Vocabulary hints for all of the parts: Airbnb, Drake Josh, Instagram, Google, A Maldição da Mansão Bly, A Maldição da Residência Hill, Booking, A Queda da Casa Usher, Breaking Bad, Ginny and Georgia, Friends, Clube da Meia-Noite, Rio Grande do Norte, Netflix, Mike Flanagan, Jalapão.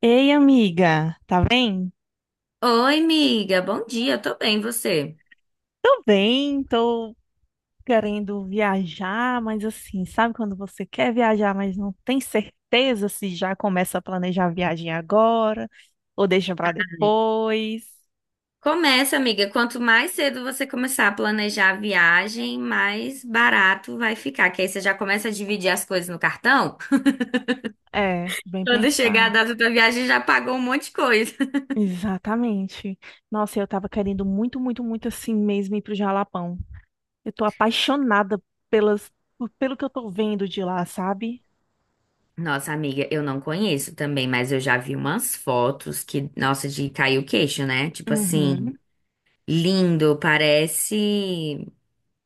Ei, amiga, tá bem? Oi, amiga, bom dia, eu tô bem, você? Tô bem, tô querendo viajar, mas assim, sabe quando você quer viajar, mas não tem certeza se já começa a planejar a viagem agora ou deixa pra depois? Começa, amiga, quanto mais cedo você começar a planejar a viagem, mais barato vai ficar, que aí você já começa a dividir as coisas no cartão. É, bem Quando chegar a pensado. data da viagem, já pagou um monte de coisa. Exatamente. Nossa, eu tava querendo muito, muito, muito assim mesmo ir pro Jalapão. Eu tô apaixonada pelas, pelo que eu tô vendo de lá, sabe? Nossa, amiga, eu não conheço também, mas eu já vi umas fotos que, nossa, de cair o queixo, né? Tipo assim, Uhum. lindo, parece.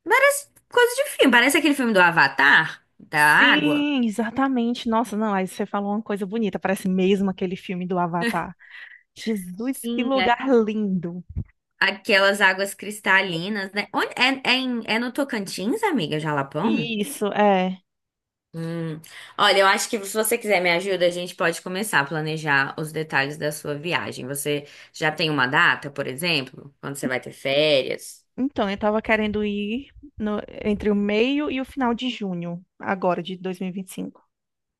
Parece coisa de filme, parece aquele filme do Avatar, da água. Sim, exatamente. Nossa, não, aí você falou uma coisa bonita, parece mesmo aquele filme do Avatar. Jesus, que Sim, é, lugar lindo. aquelas águas cristalinas, né? Onde, é no Tocantins, amiga, Jalapão? Isso, é. Hum. Olha, eu acho que se você quiser me ajuda, a gente pode começar a planejar os detalhes da sua viagem. Você já tem uma data, por exemplo, quando você vai ter férias? Então, eu tava querendo ir entre o meio e o final de junho, agora de 2025.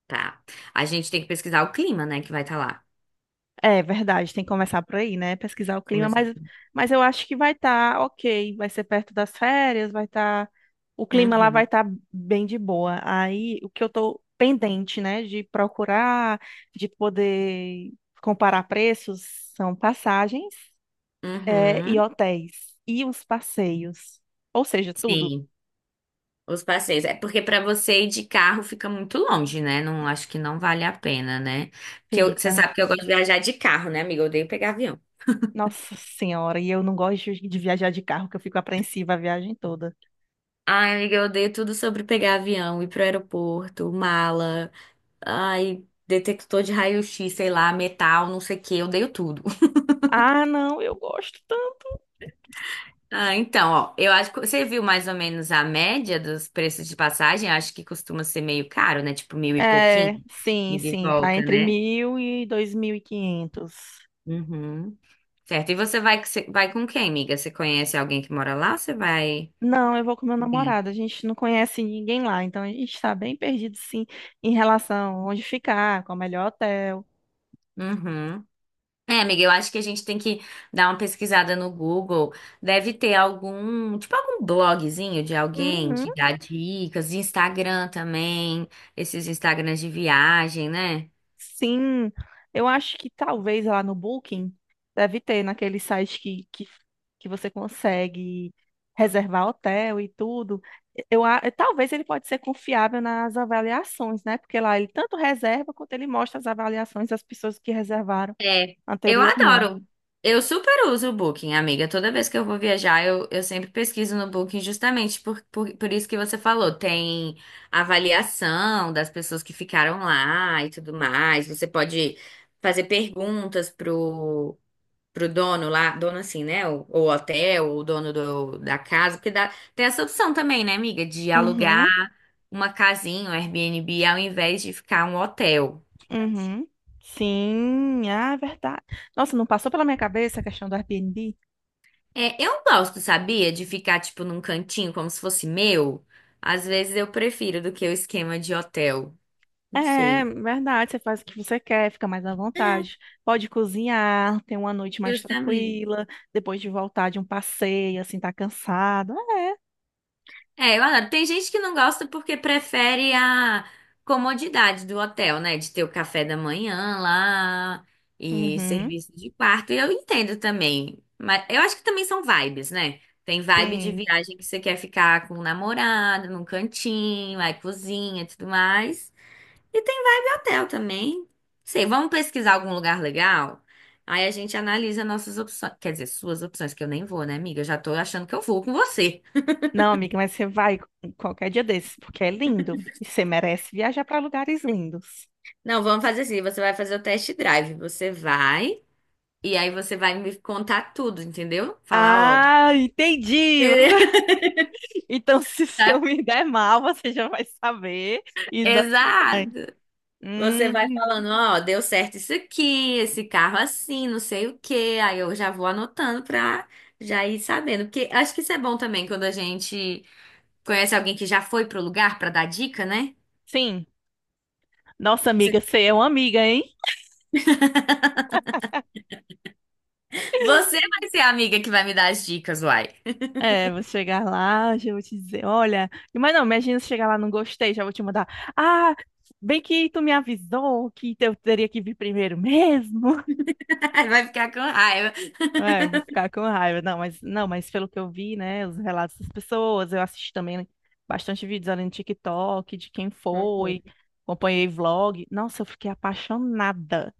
Tá. A gente tem que pesquisar o clima, né, que vai estar lá. É verdade, tem que começar por aí, né? Pesquisar o clima, Começar. Mas eu acho que vai estar ok, vai ser perto das férias, vai estar. O clima lá vai Uhum. estar bem de boa. Aí o que eu tô pendente, né, de procurar, de poder comparar preços, são passagens, é, e Uhum. hotéis, e os passeios. Ou seja, tudo Sim. Os passeios. É porque para você ir de carro fica muito longe, né? Não acho que não vale a pena, né? Porque você fica. sabe que eu gosto de viajar de carro, né, amiga? Eu odeio pegar avião. Nossa Senhora, e eu não gosto de viajar de carro, que eu fico apreensiva a viagem toda. Ai, amiga, eu odeio tudo sobre pegar avião, ir pro aeroporto, mala, ai, detector de raio-x, sei lá, metal, não sei o quê, eu odeio tudo. Ah, não, eu gosto. Ah, então, ó, eu acho que você viu mais ou menos a média dos preços de passagem, acho que costuma ser meio caro, né? Tipo mil e pouquinho, É, sim, ida e de sim, tá volta, entre né? 1.000 e 2.500. Uhum. Certo. E você vai com quem, amiga? Você conhece alguém que mora lá? Você vai. Não, eu vou com meu Sim. namorado. A gente não conhece ninguém lá, então a gente tá bem perdido, sim, em relação a onde ficar, qual o melhor hotel. Uhum. É, amiga, eu acho que a gente tem que dar uma pesquisada no Google. Deve ter algum, tipo algum blogzinho de alguém Uhum, que dá dicas, Instagram também, esses Instagrams de viagem, né? sim, eu acho que talvez lá no Booking deve ter naquele site que você consegue reservar hotel e tudo. Eu, a- talvez ele pode ser confiável nas avaliações, né? Porque lá ele tanto reserva quanto ele mostra as avaliações das pessoas que reservaram É, eu anteriormente. adoro. Eu super uso o Booking, amiga. Toda vez que eu vou viajar, eu sempre pesquiso no Booking, justamente por isso que você falou. Tem avaliação das pessoas que ficaram lá e tudo mais. Você pode fazer perguntas pro dono lá, dono assim, né? Ou hotel, ou dono do, da casa, porque dá, tem essa opção também, né, amiga, de alugar Uhum, uma casinha, um Airbnb, ao invés de ficar um hotel. uhum. Sim, ah, é verdade. Nossa, não passou pela minha cabeça a questão do Airbnb? É, eu gosto, sabia? De ficar, tipo, num cantinho como se fosse meu. Às vezes eu prefiro do que o esquema de hotel. Não É, sei. verdade, você faz o que você quer, fica mais à É, vontade. Pode cozinhar, ter uma noite mais justamente. tranquila, depois de voltar de um passeio, assim, tá cansado. É, eu adoro. Tem gente que não gosta porque prefere a comodidade do hotel, né? De ter o café da manhã lá É. e Uhum, serviço de quarto. E eu entendo também. Mas eu acho que também são vibes, né? Tem vibe de sim. viagem que você quer ficar com o namorado, num cantinho, aí cozinha e tudo mais. E tem vibe hotel também. Sei, vamos pesquisar algum lugar legal? Aí a gente analisa nossas opções. Quer dizer, suas opções, que eu nem vou, né, amiga? Eu já tô achando que eu vou com você. Não, amiga, mas você vai qualquer dia desses, porque é lindo. E você merece viajar para lugares lindos. Não, vamos fazer assim. Você vai fazer o test drive. Você vai, e aí você vai me contar tudo, entendeu? Falar, ó. Ah, entendi! Beleza. Então, se eu me der mal, você já vai saber e não vai. Exato. Você vai Hum, falando, ó, deu certo isso aqui, esse carro assim, não sei o quê. Aí eu já vou anotando pra já ir sabendo. Porque acho que isso é bom também quando a gente. Conhece alguém que já foi pro lugar pra dar dica, né? sim. Nossa, Você amiga, você é uma amiga, hein? você vai ser a amiga que vai me dar as dicas, uai. É, vou chegar lá, já vou te dizer, olha, mas não, imagina se chegar lá, não gostei, já vou te mandar. Ah, bem que tu me avisou que eu teria que vir primeiro mesmo. Vai ficar com raiva. É, vou ficar com raiva. Não, mas não, mas pelo que eu vi, né, os relatos das pessoas, eu assisti também bastante vídeos ali no TikTok de quem Uhum. foi, acompanhei vlog. Nossa, eu fiquei apaixonada.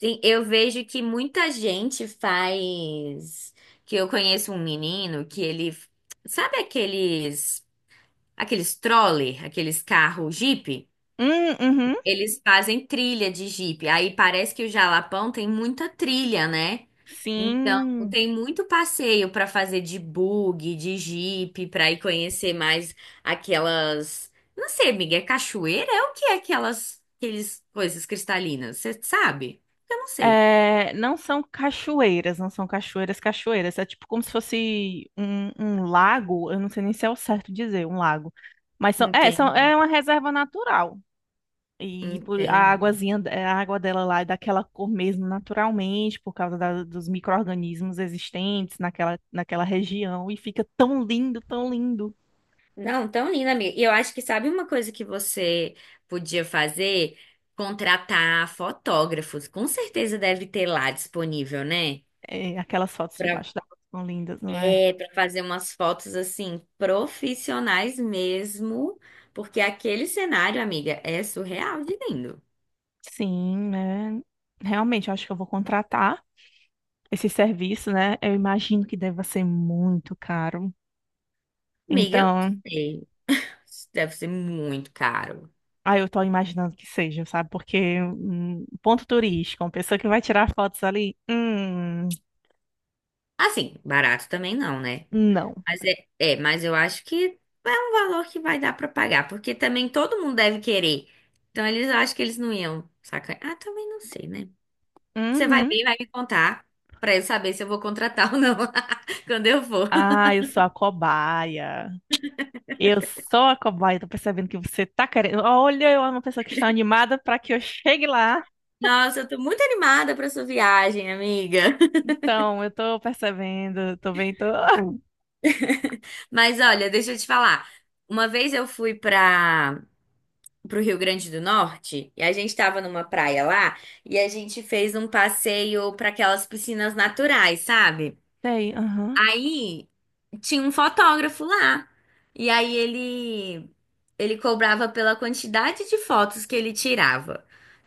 Sim, eu vejo que muita gente faz. Que eu conheço um menino que ele. Sabe aqueles. Aqueles troller, aqueles carros Jeep? Hum, uhum, Eles fazem trilha de Jeep. Aí parece que o Jalapão tem muita trilha, né? Então, sim. tem muito passeio para fazer de bug, de Jeep, para ir conhecer mais aquelas, não sei, amiga, é cachoeira? É o que é aquelas, aqueles coisas cristalinas? Você sabe? Eu não sei. É, não são cachoeiras, não são cachoeiras, cachoeiras. É tipo como se fosse um lago, eu não sei nem se é o certo dizer, um lago. Mas são, Entendi, é uma reserva natural. E por, a entendi. aguazinha, a água dela lá é daquela cor mesmo, naturalmente, por causa dos micro-organismos existentes naquela região. E fica tão lindo, tão lindo. Não, tão linda, amiga. E eu acho que sabe uma coisa que você podia fazer? Contratar fotógrafos. Com certeza deve ter lá disponível, né? É, aquelas fotos Pra, debaixo da água são lindas, não é? pra fazer umas fotos assim, profissionais mesmo, porque aquele cenário, amiga, é surreal de lindo. Sim, né? Realmente, eu acho que eu vou contratar esse serviço, né? Eu imagino que deva ser muito caro. Amiga, eu não Então, sei. Deve ser muito caro. ah, eu tô imaginando que seja, sabe? Porque um ponto turístico, uma pessoa que vai tirar fotos ali, Assim, barato também não, né? não. Mas eu acho que é um valor que vai dar pra pagar, porque também todo mundo deve querer. Então eles acham que eles não iam sacanagem. Ah, também não sei, né? Você vai Uhum. ver e vai me contar pra eu saber se eu vou contratar ou não quando eu for. Ah, eu sou a cobaia. Eu sou a cobaia. Tô percebendo que você tá querendo. Olha, eu amo uma pessoa que está animada para que eu chegue lá. Nossa, eu tô muito animada pra sua viagem, amiga. Então, eu tô percebendo. Tô bem, tô. Mas olha, deixa eu te falar. Uma vez eu fui para pro Rio Grande do Norte e a gente tava numa praia lá e a gente fez um passeio pra aquelas piscinas naturais, sabe? Sei, aham. Aí tinha um fotógrafo lá. E aí ele cobrava pela quantidade de fotos que ele tirava.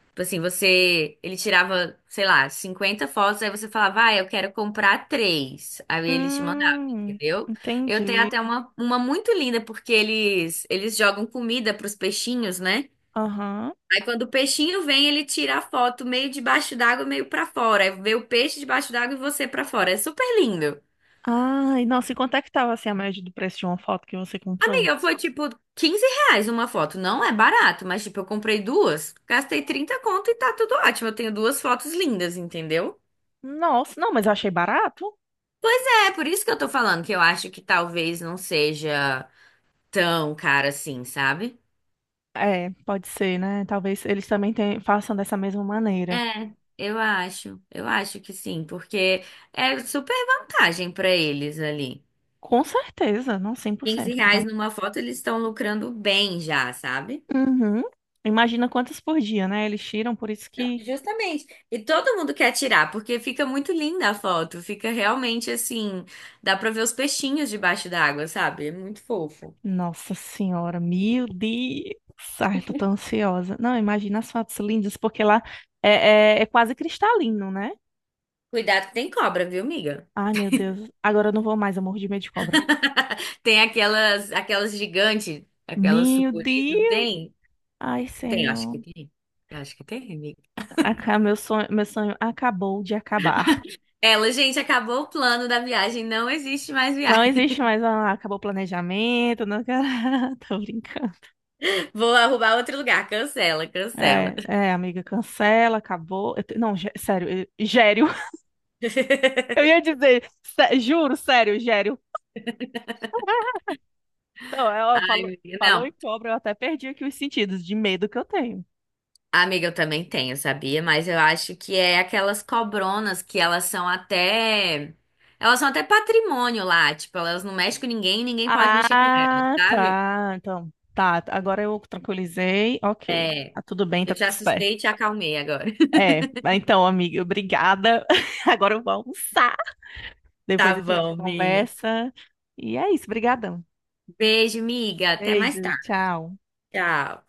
Tipo assim, você, ele tirava, sei lá, 50 fotos, aí você falava, ah, eu quero comprar três. Aí ele te mandava, Hum, entendeu? Eu tenho entendi. até uma muito linda, porque eles jogam comida pros peixinhos, né? Aham. Aí quando o peixinho vem, ele tira a foto meio debaixo d'água, meio pra fora. Aí vê o peixe debaixo d'água e você pra fora. É super lindo. Ai, nossa, e quanto é que tava assim a média do preço de uma foto que você comprou? Amiga, foi tipo R$ 15 uma foto. Não é barato, mas tipo, eu comprei duas, gastei 30 conto e tá tudo ótimo. Eu tenho duas fotos lindas, entendeu? Nossa, não, mas eu achei barato. É por isso que eu tô falando que eu acho que talvez não seja tão cara assim, sabe? É, pode ser, né? Talvez eles também tenham- façam dessa mesma maneira. É, eu acho. Eu acho que sim, porque é super vantagem pra eles ali. Com certeza, não. Cem por 15 cento. reais numa foto, eles estão lucrando bem já, sabe? Uhum. Imagina quantas por dia, né? Eles tiram, por isso Não, que. justamente. E todo mundo quer tirar, porque fica muito linda a foto. Fica realmente assim. Dá pra ver os peixinhos debaixo d'água, sabe? É muito fofo. Nossa Senhora, meu Deus! Ai, eu tô tão ansiosa. Não, imagina as fotos lindas, porque lá é, é, é quase cristalino, né? Cuidado que tem cobra, viu, miga? Ai, meu Deus. Agora eu não vou mais, eu morro de medo de cobra. Tem aquelas gigantes, aquelas Meu sucuri, não Deus! tem? Ai, Tem, acho Senhor. que tem. Eu acho que tem, amiga. Aca- meu sonho acabou de acabar. Ela, gente, acabou o plano da viagem, não existe mais Não viagem. existe mais. Ah, acabou o planejamento. Não... quero- Tô brincando. Vou arrumar outro lugar, cancela, cancela. É, é, amiga, cancela, acabou. Eu te- Não, gé- sério, eu- gério. Eu ia dizer, sé- juro, sério, Gério. Não, ela Ai, falou, amiga, falou não, em cobra, eu até perdi aqui os sentidos de medo que eu tenho. amiga, eu também tenho, sabia? Mas eu acho que é aquelas cobronas que elas são até. Elas são até patrimônio lá, tipo, elas não mexem com ninguém, ninguém pode mexer com elas, Ah, sabe? tá. Então, tá. Agora eu tranquilizei. Ok. É, Tá tudo bem, eu tá te tudo certo. assustei e te acalmei agora. É, mas então, amiga, obrigada. Agora eu vou almoçar. Tá Depois a gente bom, minha. conversa. E é isso, brigadão. Beijo, miga. Até Beijo, mais tarde. tchau. Tchau.